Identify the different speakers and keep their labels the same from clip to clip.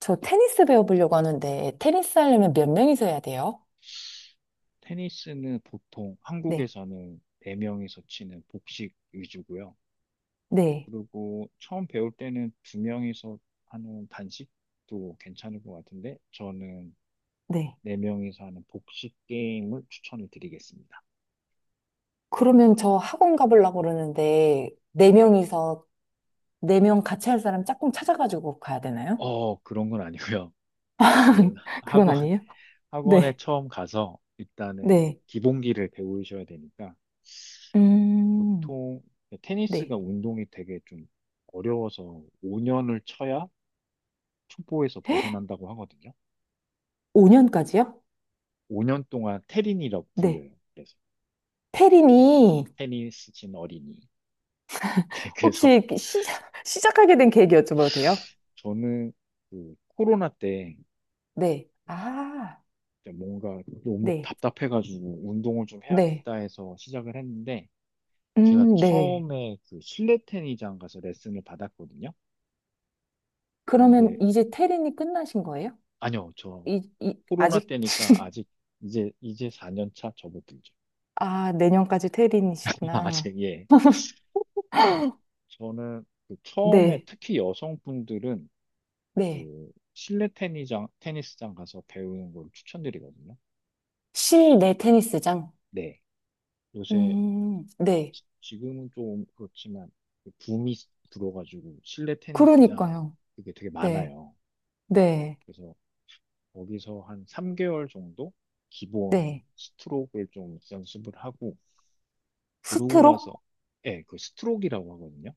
Speaker 1: 저 테니스 배워보려고 하는데, 테니스 하려면 몇 명이서 해야 돼요?
Speaker 2: 테니스는 보통
Speaker 1: 네,
Speaker 2: 한국에서는 4명이서 치는 복식 위주고요.
Speaker 1: 네,
Speaker 2: 그리고 처음 배울 때는 2명이서 하는 단식도 괜찮을 것 같은데 저는
Speaker 1: 네.
Speaker 2: 4명이서 하는 복식 게임을 추천을 드리겠습니다.
Speaker 1: 그러면 저 학원 가보려고 그러는데, 네
Speaker 2: 네.
Speaker 1: 명이서, 네 명 같이 할 사람 짝꿍 찾아가지고 가야 되나요?
Speaker 2: 어, 그런 건 아니고요. 그
Speaker 1: 그건
Speaker 2: 학원,
Speaker 1: 아니에요?
Speaker 2: 학원에
Speaker 1: 네,
Speaker 2: 처음 가서 일단은
Speaker 1: 네.
Speaker 2: 기본기를 배우셔야 되니까
Speaker 1: 음,
Speaker 2: 보통
Speaker 1: 네,
Speaker 2: 테니스가 운동이 되게 좀 어려워서 5년을 쳐야 초보에서 벗어난다고 하거든요.
Speaker 1: 5년까지요?
Speaker 2: 5년 동안 테린이라고
Speaker 1: 네.
Speaker 2: 불려요. 그래서 테린,
Speaker 1: 태린이
Speaker 2: 테니스 친 어린이. 그래서
Speaker 1: 혹시 시작하게 된 계기 여쭤봐도 돼요?
Speaker 2: 저는 그 코로나 때
Speaker 1: 네, 아,
Speaker 2: 뭔가 너무
Speaker 1: 네,
Speaker 2: 답답해가지고 운동을 좀
Speaker 1: 네.
Speaker 2: 해야겠다 해서 시작을 했는데 제가
Speaker 1: 네.
Speaker 2: 처음에 그 실내 테니장 가서 레슨을 받았거든요. 근데
Speaker 1: 그러면 이제 테린이 끝나신 거예요?
Speaker 2: 아니요, 저 코로나
Speaker 1: 아직?
Speaker 2: 때니까 아직 이제 4년 차 접어들죠.
Speaker 1: 아, 내년까지 테린이시구나.
Speaker 2: 아직 예. 저는 그 처음에
Speaker 1: 네,
Speaker 2: 특히 여성분들은
Speaker 1: 네.
Speaker 2: 그 실내 테니스장 가서 배우는 걸 추천드리거든요.
Speaker 1: 실내 테니스장.
Speaker 2: 네. 요새
Speaker 1: 네.
Speaker 2: 지금은 좀 그렇지만 그 붐이 불어가지고 실내 테니스장
Speaker 1: 그러니까요.
Speaker 2: 그게 되게
Speaker 1: 네.
Speaker 2: 많아요.
Speaker 1: 네.
Speaker 2: 그래서 거기서 한 3개월 정도 기본
Speaker 1: 네.
Speaker 2: 스트로크를 좀 연습을 하고 그러고
Speaker 1: 스트로크?
Speaker 2: 나서 예, 그 스트로크라고 하거든요.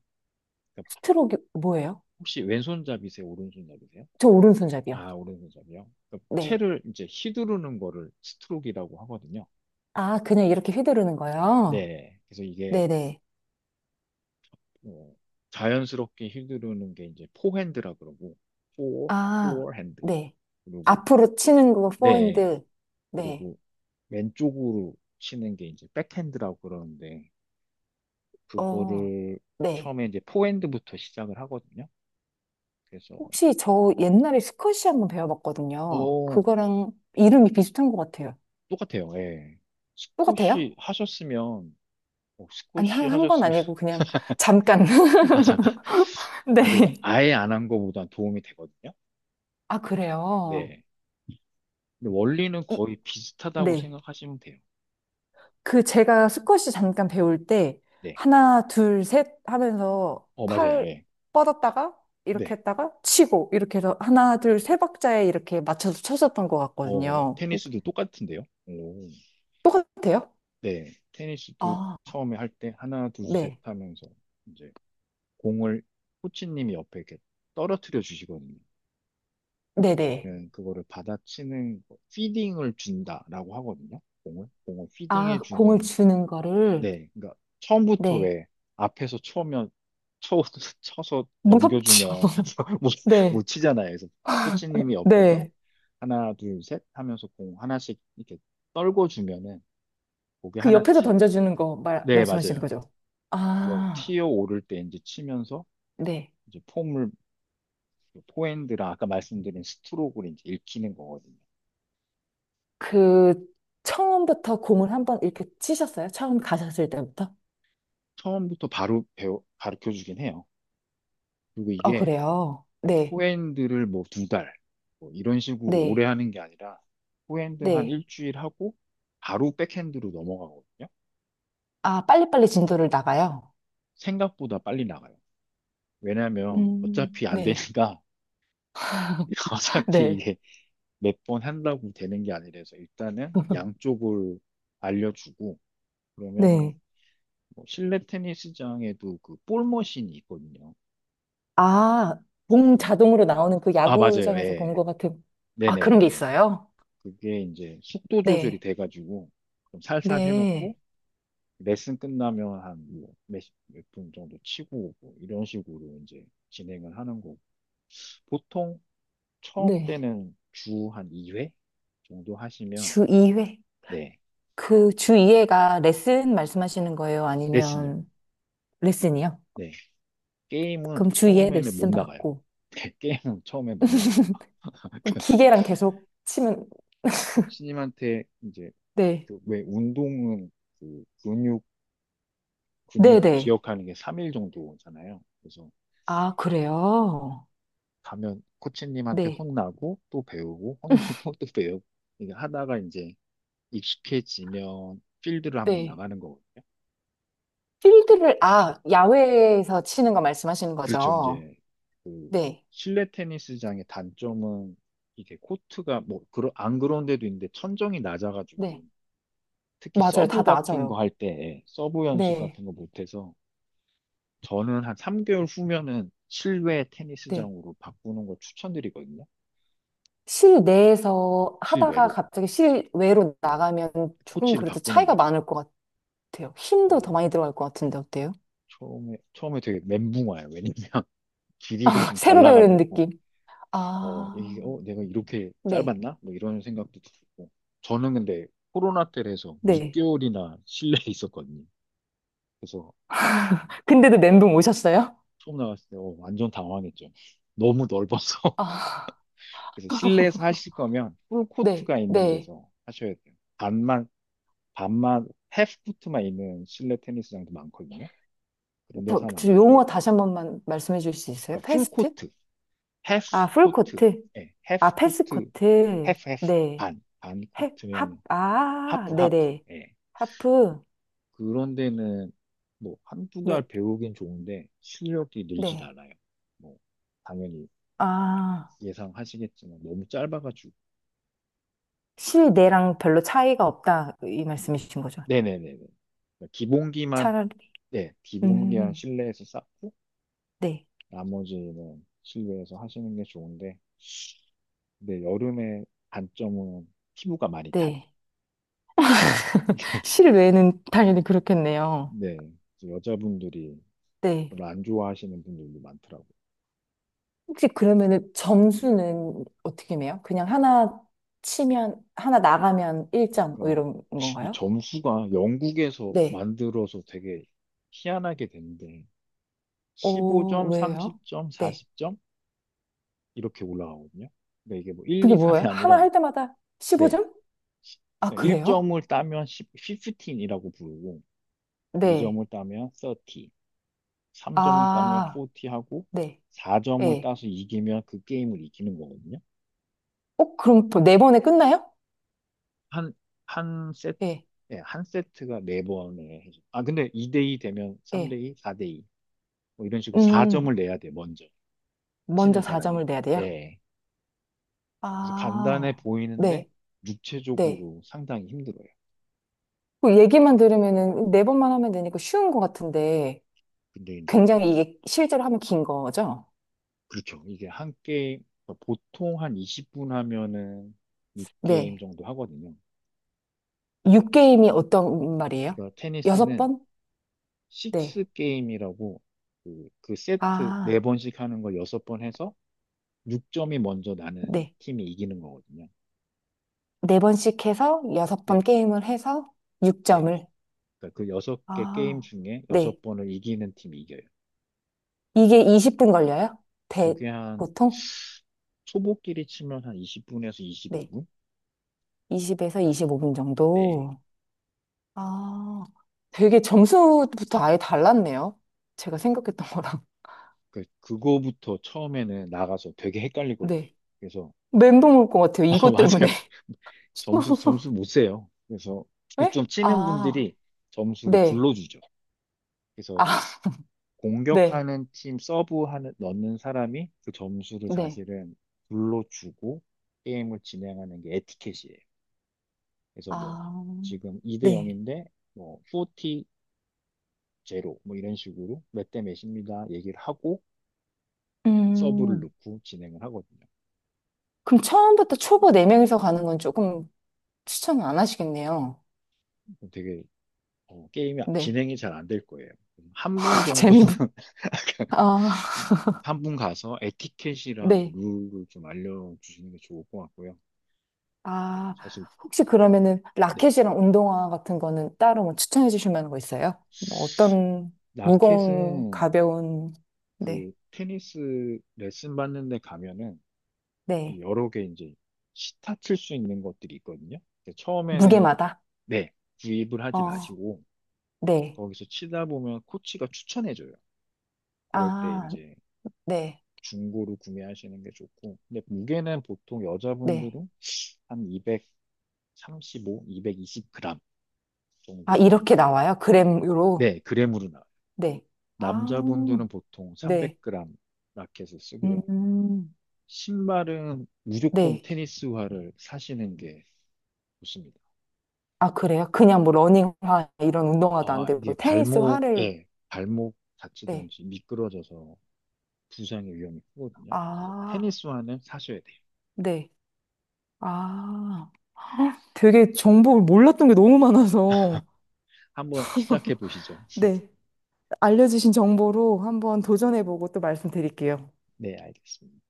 Speaker 2: 그러니까
Speaker 1: 스트로크 뭐예요?
Speaker 2: 혹시 왼손잡이세요? 오른손잡이세요?
Speaker 1: 저 오른손잡이요.
Speaker 2: 아, 오른손잡이요. 그러니까
Speaker 1: 네.
Speaker 2: 채를 이제 휘두르는 거를 스트로크라고 하거든요.
Speaker 1: 아, 그냥 이렇게 휘두르는 거요?
Speaker 2: 네. 그래서 이게
Speaker 1: 네네.
Speaker 2: 어, 자연스럽게 휘두르는 게 이제 포핸드라 그러고 포
Speaker 1: 아,
Speaker 2: 포핸드
Speaker 1: 네.
Speaker 2: 그리고
Speaker 1: 앞으로 치는 거,
Speaker 2: 네
Speaker 1: 포핸드. 네.
Speaker 2: 그리고 왼쪽으로 치는 게 이제 백핸드라고 그러는데
Speaker 1: 어,
Speaker 2: 그거를
Speaker 1: 네.
Speaker 2: 처음에 이제 포핸드부터 시작을 하거든요. 그래서
Speaker 1: 혹시 저 옛날에 스쿼시 한번 배워봤거든요.
Speaker 2: 어
Speaker 1: 그거랑 이름이 비슷한 것 같아요.
Speaker 2: 똑같아요. 예.
Speaker 1: 똑같아요?
Speaker 2: 스쿼시 하셨으면 어,
Speaker 1: 아니,
Speaker 2: 스쿼시
Speaker 1: 한 건
Speaker 2: 하셨으면
Speaker 1: 아니고 그냥 잠깐.
Speaker 2: 아 잠깐 아 그래도
Speaker 1: 네.
Speaker 2: 아예 안 한 거보단 도움이 되거든요.
Speaker 1: 아, 그래요?
Speaker 2: 네. 근데 원리는
Speaker 1: 이,
Speaker 2: 거의 비슷하다고
Speaker 1: 네.
Speaker 2: 생각하시면 돼요.
Speaker 1: 그 제가 스쿼시 잠깐 배울 때
Speaker 2: 네.
Speaker 1: 하나, 둘, 셋 하면서
Speaker 2: 어 맞아요.
Speaker 1: 팔
Speaker 2: 예.
Speaker 1: 뻗었다가 이렇게
Speaker 2: 네.
Speaker 1: 했다가 치고 이렇게 해서 하나, 둘, 세 박자에 이렇게 맞춰서 쳤었던 것
Speaker 2: 어,
Speaker 1: 같거든요.
Speaker 2: 테니스도 똑같은데요? 오.
Speaker 1: 똑같아요?
Speaker 2: 네, 테니스도
Speaker 1: 아,
Speaker 2: 처음에 할 때 하나, 둘, 셋
Speaker 1: 네.
Speaker 2: 하면서 이제 공을 코치님이 옆에 이렇게 떨어뜨려 주시거든요.
Speaker 1: 네네.
Speaker 2: 그러면은 그거를 받아치는, 거, 피딩을 준다라고 하거든요. 공을. 공을
Speaker 1: 아,
Speaker 2: 피딩해
Speaker 1: 공을
Speaker 2: 주는,
Speaker 1: 주는 거를.
Speaker 2: 네, 그러니까 처음부터
Speaker 1: 네.
Speaker 2: 왜 앞에서 쳐, 쳐서
Speaker 1: 무섭죠.
Speaker 2: 넘겨주면 못, 못
Speaker 1: 네.
Speaker 2: 치잖아요. 그래서 코치님이 옆에서
Speaker 1: 네.
Speaker 2: 하나, 둘, 셋 하면서 공 하나씩 이렇게 떨궈 주면은 그게
Speaker 1: 그
Speaker 2: 하나
Speaker 1: 옆에서
Speaker 2: 튀,
Speaker 1: 던져주는 거 말,
Speaker 2: 네,
Speaker 1: 말씀하시는
Speaker 2: 맞아요.
Speaker 1: 거죠?
Speaker 2: 그걸
Speaker 1: 아,
Speaker 2: 티어 오를 때 이제 치면서
Speaker 1: 네.
Speaker 2: 이제 폼을, 포핸드랑 아까 말씀드린 스트로크를 이제 읽히는 거거든요.
Speaker 1: 그, 처음부터 공을 한번 이렇게 치셨어요? 처음 가셨을 때부터?
Speaker 2: 처음부터 바로 가르쳐 주긴 해요. 그리고
Speaker 1: 아,
Speaker 2: 이게
Speaker 1: 그래요?
Speaker 2: 뭐
Speaker 1: 네.
Speaker 2: 포핸드를 뭐 두 달, 뭐 이런 식으로 오래
Speaker 1: 네.
Speaker 2: 하는 게 아니라 포핸드 한
Speaker 1: 네.
Speaker 2: 일주일 하고 바로 백핸드로 넘어가거든요.
Speaker 1: 아, 빨리빨리 진도를 나가요?
Speaker 2: 생각보다 빨리 나가요. 왜냐면 어차피 안
Speaker 1: 네.
Speaker 2: 되니까 어차피
Speaker 1: 네.
Speaker 2: 이게 몇 번 한다고 되는 게 아니라서 일단은 양쪽을 알려주고 그러면은
Speaker 1: 네.
Speaker 2: 뭐 실내 테니스장에도 그 볼 머신이 있거든요.
Speaker 1: 아, 봉
Speaker 2: 그-
Speaker 1: 자동으로 나오는 그
Speaker 2: 아, 맞아요.
Speaker 1: 야구장에서 본
Speaker 2: 예.
Speaker 1: 것 같은. 아, 그런 게
Speaker 2: 네네네네.
Speaker 1: 있어요?
Speaker 2: 그게 이제 속도 조절이
Speaker 1: 네.
Speaker 2: 돼가지고 좀 살살 해놓고
Speaker 1: 네.
Speaker 2: 레슨 끝나면 한몇몇분 정도 치고 오고 이런 식으로 이제 진행을 하는 거고 보통 처음
Speaker 1: 네.
Speaker 2: 때는 주 한 2회 정도 하시면
Speaker 1: 주 2회.
Speaker 2: 네
Speaker 1: 그 주 2회가 레슨 말씀하시는 거예요?
Speaker 2: 레슨요.
Speaker 1: 아니면 레슨이요?
Speaker 2: 게임은
Speaker 1: 그럼 주 2회
Speaker 2: 처음에는 못
Speaker 1: 레슨
Speaker 2: 나가요.
Speaker 1: 받고.
Speaker 2: 게임은 처음에 못 나가요.
Speaker 1: 그럼 기계랑 계속 치면,
Speaker 2: 코치님한테 이제
Speaker 1: 네.
Speaker 2: 그왜 운동은 그 근육 근육이
Speaker 1: 네네.
Speaker 2: 기억하는 게 3일 정도잖아요. 그래서
Speaker 1: 아, 그래요?
Speaker 2: 가면 코치님한테
Speaker 1: 네.
Speaker 2: 혼나고 또 배우고 혼나고 또 배우고 이게 하다가 이제 익숙해지면 필드를 한번
Speaker 1: 네.
Speaker 2: 나가는 거거든요.
Speaker 1: 필드를, 아, 야외에서 치는 거 말씀하시는
Speaker 2: 그렇죠.
Speaker 1: 거죠?
Speaker 2: 이제 그
Speaker 1: 네.
Speaker 2: 실내 테니스장의 단점은 이게 코트가 뭐 그런 안 그런 데도 있는데 천정이 낮아가지고
Speaker 1: 네.
Speaker 2: 특히
Speaker 1: 맞아요. 다
Speaker 2: 서브 같은 거
Speaker 1: 낮아요.
Speaker 2: 할 때 서브 연습
Speaker 1: 네.
Speaker 2: 같은 거 못해서 저는 한 3개월 후면은 실외
Speaker 1: 네.
Speaker 2: 테니스장으로 바꾸는 거 추천드리거든요.
Speaker 1: 실내에서 하다가
Speaker 2: 실외로
Speaker 1: 갑자기 실외로 나가면 조금
Speaker 2: 코치를
Speaker 1: 그래도
Speaker 2: 바꾸는
Speaker 1: 차이가
Speaker 2: 거죠.
Speaker 1: 많을 것 같아요. 힘도 더
Speaker 2: 어,
Speaker 1: 많이 들어갈 것 같은데 어때요?
Speaker 2: 처음에 되게 멘붕 와요. 왜냐면 길이가 좀
Speaker 1: 새로 배우는
Speaker 2: 달라가지고
Speaker 1: 느낌.
Speaker 2: 어,
Speaker 1: 아,
Speaker 2: 이게 어, 내가 이렇게
Speaker 1: 네,
Speaker 2: 짧았나? 뭐 이런 생각도 들고 저는 근데 코로나 때라서
Speaker 1: 네.
Speaker 2: 6개월이나 실내에 있었거든요. 그래서
Speaker 1: 근데도 멘붕 오셨어요?
Speaker 2: 처음 나갔을 때 어, 완전 당황했죠. 너무 넓어서
Speaker 1: 아,
Speaker 2: 그래서 실내에서 하실 거면
Speaker 1: 네,
Speaker 2: 풀코트가 있는
Speaker 1: 네.
Speaker 2: 데서 하셔야 돼요. 반만, 해프코트만 있는 실내 테니스장도 많거든요. 그런
Speaker 1: 더-
Speaker 2: 데서 하면 안
Speaker 1: 그
Speaker 2: 되고,
Speaker 1: 용어 다시 한 번만 말씀해 주실 수 있어요?
Speaker 2: 그러니까
Speaker 1: 패스트?
Speaker 2: 풀코트, 해프
Speaker 1: 아,
Speaker 2: 코트
Speaker 1: 풀코트.
Speaker 2: 예, 해
Speaker 1: 아,
Speaker 2: 프코트 해
Speaker 1: 패스코트.
Speaker 2: 프 해프
Speaker 1: 네.
Speaker 2: 반,
Speaker 1: 해, 합,
Speaker 2: 반코트면
Speaker 1: 아,
Speaker 2: 하프,
Speaker 1: 네네.
Speaker 2: 예.
Speaker 1: 하프.
Speaker 2: 그런 데는 뭐 한두
Speaker 1: 네,
Speaker 2: 달 배우긴 좋은데 실력이 늘진
Speaker 1: 네.
Speaker 2: 않아요. 뭐, 당연히
Speaker 1: 아,
Speaker 2: 예상하시겠지만 너무 짧아가지고.
Speaker 1: 실내랑 별로 차이가 없다. 이 말씀이신 거죠.
Speaker 2: 네네네네. 기본기만
Speaker 1: 차라리.
Speaker 2: 네, 기본기한
Speaker 1: 음,
Speaker 2: 실내에서 쌓고
Speaker 1: 네,
Speaker 2: 나머지는 실외에서 하시는 게 좋은데 근데 여름에 단점은 피부가 많이 타요.
Speaker 1: 네. 실외는 당연히 그렇겠네요.
Speaker 2: 네, 그래서 여자분들이
Speaker 1: 네.
Speaker 2: 별로 안 좋아하시는 분들도 많더라고요.
Speaker 1: 혹시 그러면은 점수는 어떻게 매요? 그냥 하나 치면, 하나 나가면 1점, 뭐
Speaker 2: 그러니까
Speaker 1: 이런
Speaker 2: 이
Speaker 1: 건가요?
Speaker 2: 점수가 영국에서
Speaker 1: 네.
Speaker 2: 만들어서 되게 희한하게 된데
Speaker 1: 어,
Speaker 2: 15점,
Speaker 1: 왜요?
Speaker 2: 30점,
Speaker 1: 네.
Speaker 2: 40점 이렇게 올라가거든요. 근데 이게 뭐 1,
Speaker 1: 그게
Speaker 2: 2, 3이
Speaker 1: 뭐예요? 하나
Speaker 2: 아니라
Speaker 1: 할 때마다
Speaker 2: 네,
Speaker 1: 15점? 아, 그래요?
Speaker 2: 1점을 따면 15이라고 부르고
Speaker 1: 네.
Speaker 2: 2점을 따면 30, 3점을 따면
Speaker 1: 아,
Speaker 2: 40 하고
Speaker 1: 네.
Speaker 2: 4점을
Speaker 1: 예.
Speaker 2: 따서 이기면 그 게임을 이기는 거거든요.
Speaker 1: 어, 그럼 또 네 번에 끝나요?
Speaker 2: 한, 한 세트,
Speaker 1: 예,
Speaker 2: 네, 한 세트가 4번을 해줘 아, 근데 2대2 되면
Speaker 1: 예.
Speaker 2: 3대2, 4대2. 뭐 이런 식으로 4점을
Speaker 1: 음,
Speaker 2: 내야 돼, 먼저.
Speaker 1: 먼저
Speaker 2: 치는
Speaker 1: 4점을
Speaker 2: 사람이.
Speaker 1: 내야 돼요?
Speaker 2: 예. 그래서 간단해
Speaker 1: 아,
Speaker 2: 보이는데
Speaker 1: 네, 네.
Speaker 2: 육체적으로 상당히 힘들어요.
Speaker 1: 그 얘기만 들으면은 네 번만 하면 되니까 쉬운 것 같은데,
Speaker 2: 근데 이제,
Speaker 1: 굉장히 이게 실제로 하면 긴 거죠?
Speaker 2: 그렇죠. 이게 한 게임, 보통 한 20분 하면은 6게임
Speaker 1: 네.
Speaker 2: 정도 하거든요. 그러니까,
Speaker 1: 6게임이 어떤 말이에요?
Speaker 2: 그러니까
Speaker 1: 여섯
Speaker 2: 테니스는
Speaker 1: 번?
Speaker 2: 식스
Speaker 1: 네.
Speaker 2: 게임이라고 그 세트 네
Speaker 1: 아,
Speaker 2: 번씩 하는 걸 여섯 번 해서 6점이 먼저 나는
Speaker 1: 네.
Speaker 2: 팀이 이기는 거거든요.
Speaker 1: 네 번씩 해서 여섯 번
Speaker 2: 네,
Speaker 1: 게임을 해서
Speaker 2: 네.
Speaker 1: 6점을.
Speaker 2: 그러니까 그 여섯 개 게임
Speaker 1: 아,
Speaker 2: 중에
Speaker 1: 네.
Speaker 2: 여섯 번을 이기는 팀이 이겨요.
Speaker 1: 이게 20분 걸려요? 대,
Speaker 2: 그게 한
Speaker 1: 보통?
Speaker 2: 초보끼리 치면 한 20분에서
Speaker 1: 네.
Speaker 2: 25분?
Speaker 1: 20에서 25분
Speaker 2: 네.
Speaker 1: 정도. 아, 되게 점수부터 아예 달랐네요. 제가 생각했던 거랑.
Speaker 2: 그거부터 처음에는 나가서 되게 헷갈리거든요.
Speaker 1: 네.
Speaker 2: 그래서, 좀-
Speaker 1: 멘붕 올 것 같아요.
Speaker 2: 어,
Speaker 1: 이것 때문에.
Speaker 2: 맞아요. 점수, 점수 못 세요. 그래서
Speaker 1: 네?
Speaker 2: 좀 치는
Speaker 1: 아,
Speaker 2: 분들이 점수를
Speaker 1: 네.
Speaker 2: 불러주죠. 그래서
Speaker 1: 아, 네,
Speaker 2: 공격하는 팀 서브하는 넣는 사람이 그 점수를
Speaker 1: 네.
Speaker 2: 사실은 불러주고 게임을 진행하는 게 에티켓이에요. 그래서 뭐
Speaker 1: 아,
Speaker 2: 지금 2 대
Speaker 1: 네.
Speaker 2: 0인데 뭐 40 제로 뭐 이런 식으로 몇 대 몇입니다 얘기를 하고 서브를
Speaker 1: 음.
Speaker 2: 넣고 진행을 하거든요.
Speaker 1: 그럼 처음부터 초보 4명이서 가는 건 조금 추천을 안 하시겠네요.
Speaker 2: 되게 어, 게임이
Speaker 1: 네.
Speaker 2: 진행이 잘 안 될 거예요. 한 분 정도는
Speaker 1: 재미, 아,
Speaker 2: 한 분 가서 에티켓이랑
Speaker 1: 네.
Speaker 2: 룰을 좀 알려주시는 게 좋을 것 같고요.
Speaker 1: 아,
Speaker 2: 사실
Speaker 1: 혹시 그러면은 라켓이랑 운동화 같은 거는 따로 뭐 추천해 주실 만한 거 있어요? 뭐
Speaker 2: 네.
Speaker 1: 어떤 무거운,
Speaker 2: 라켓은
Speaker 1: 가벼운, 네,
Speaker 2: 그 테니스 레슨 받는 데 가면은
Speaker 1: 네.
Speaker 2: 여러 개 이제 시타 칠 수 있는 것들이 있거든요. 근데 처음에는
Speaker 1: 무게마다?
Speaker 2: 네, 구입을 하지
Speaker 1: 어,
Speaker 2: 마시고
Speaker 1: 네.
Speaker 2: 거기서 치다 보면 코치가 추천해줘요. 그럴 때
Speaker 1: 아,
Speaker 2: 이제
Speaker 1: 네,
Speaker 2: 중고로 구매하시는 게 좋고 근데 무게는 보통
Speaker 1: 네.
Speaker 2: 여자분들은 한 235, 220g
Speaker 1: 아,
Speaker 2: 정도를
Speaker 1: 이렇게 나와요? 그램으로?
Speaker 2: 네, 그램으로 나와요.
Speaker 1: 네. 아,
Speaker 2: 남자분들은 보통
Speaker 1: 네.
Speaker 2: 300g 라켓을 쓰고요.
Speaker 1: 음.
Speaker 2: 신발은 무조건
Speaker 1: 네.
Speaker 2: 테니스화를 사시는 게 좋습니다.
Speaker 1: 아, 그래요? 그냥 뭐 러닝화 이런 운동화도 안
Speaker 2: 아, 이게
Speaker 1: 되고 테니스 화를
Speaker 2: 발목 다치든
Speaker 1: 네.
Speaker 2: 지 미끄러져서 부상의 위험이 크거든요. 그래서
Speaker 1: 아,
Speaker 2: 테니스화는 사셔야 돼요.
Speaker 1: 네. 아. 되게 정보를 몰랐던 게 너무 많아서,
Speaker 2: 한번 시작해 보시죠.
Speaker 1: 네. 알려주신 정보로 한번 도전해보고 또 말씀드릴게요.
Speaker 2: 네, 알겠습니다.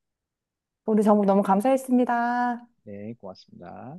Speaker 1: 오늘 정보 너무 감사했습니다.
Speaker 2: 네, 고맙습니다.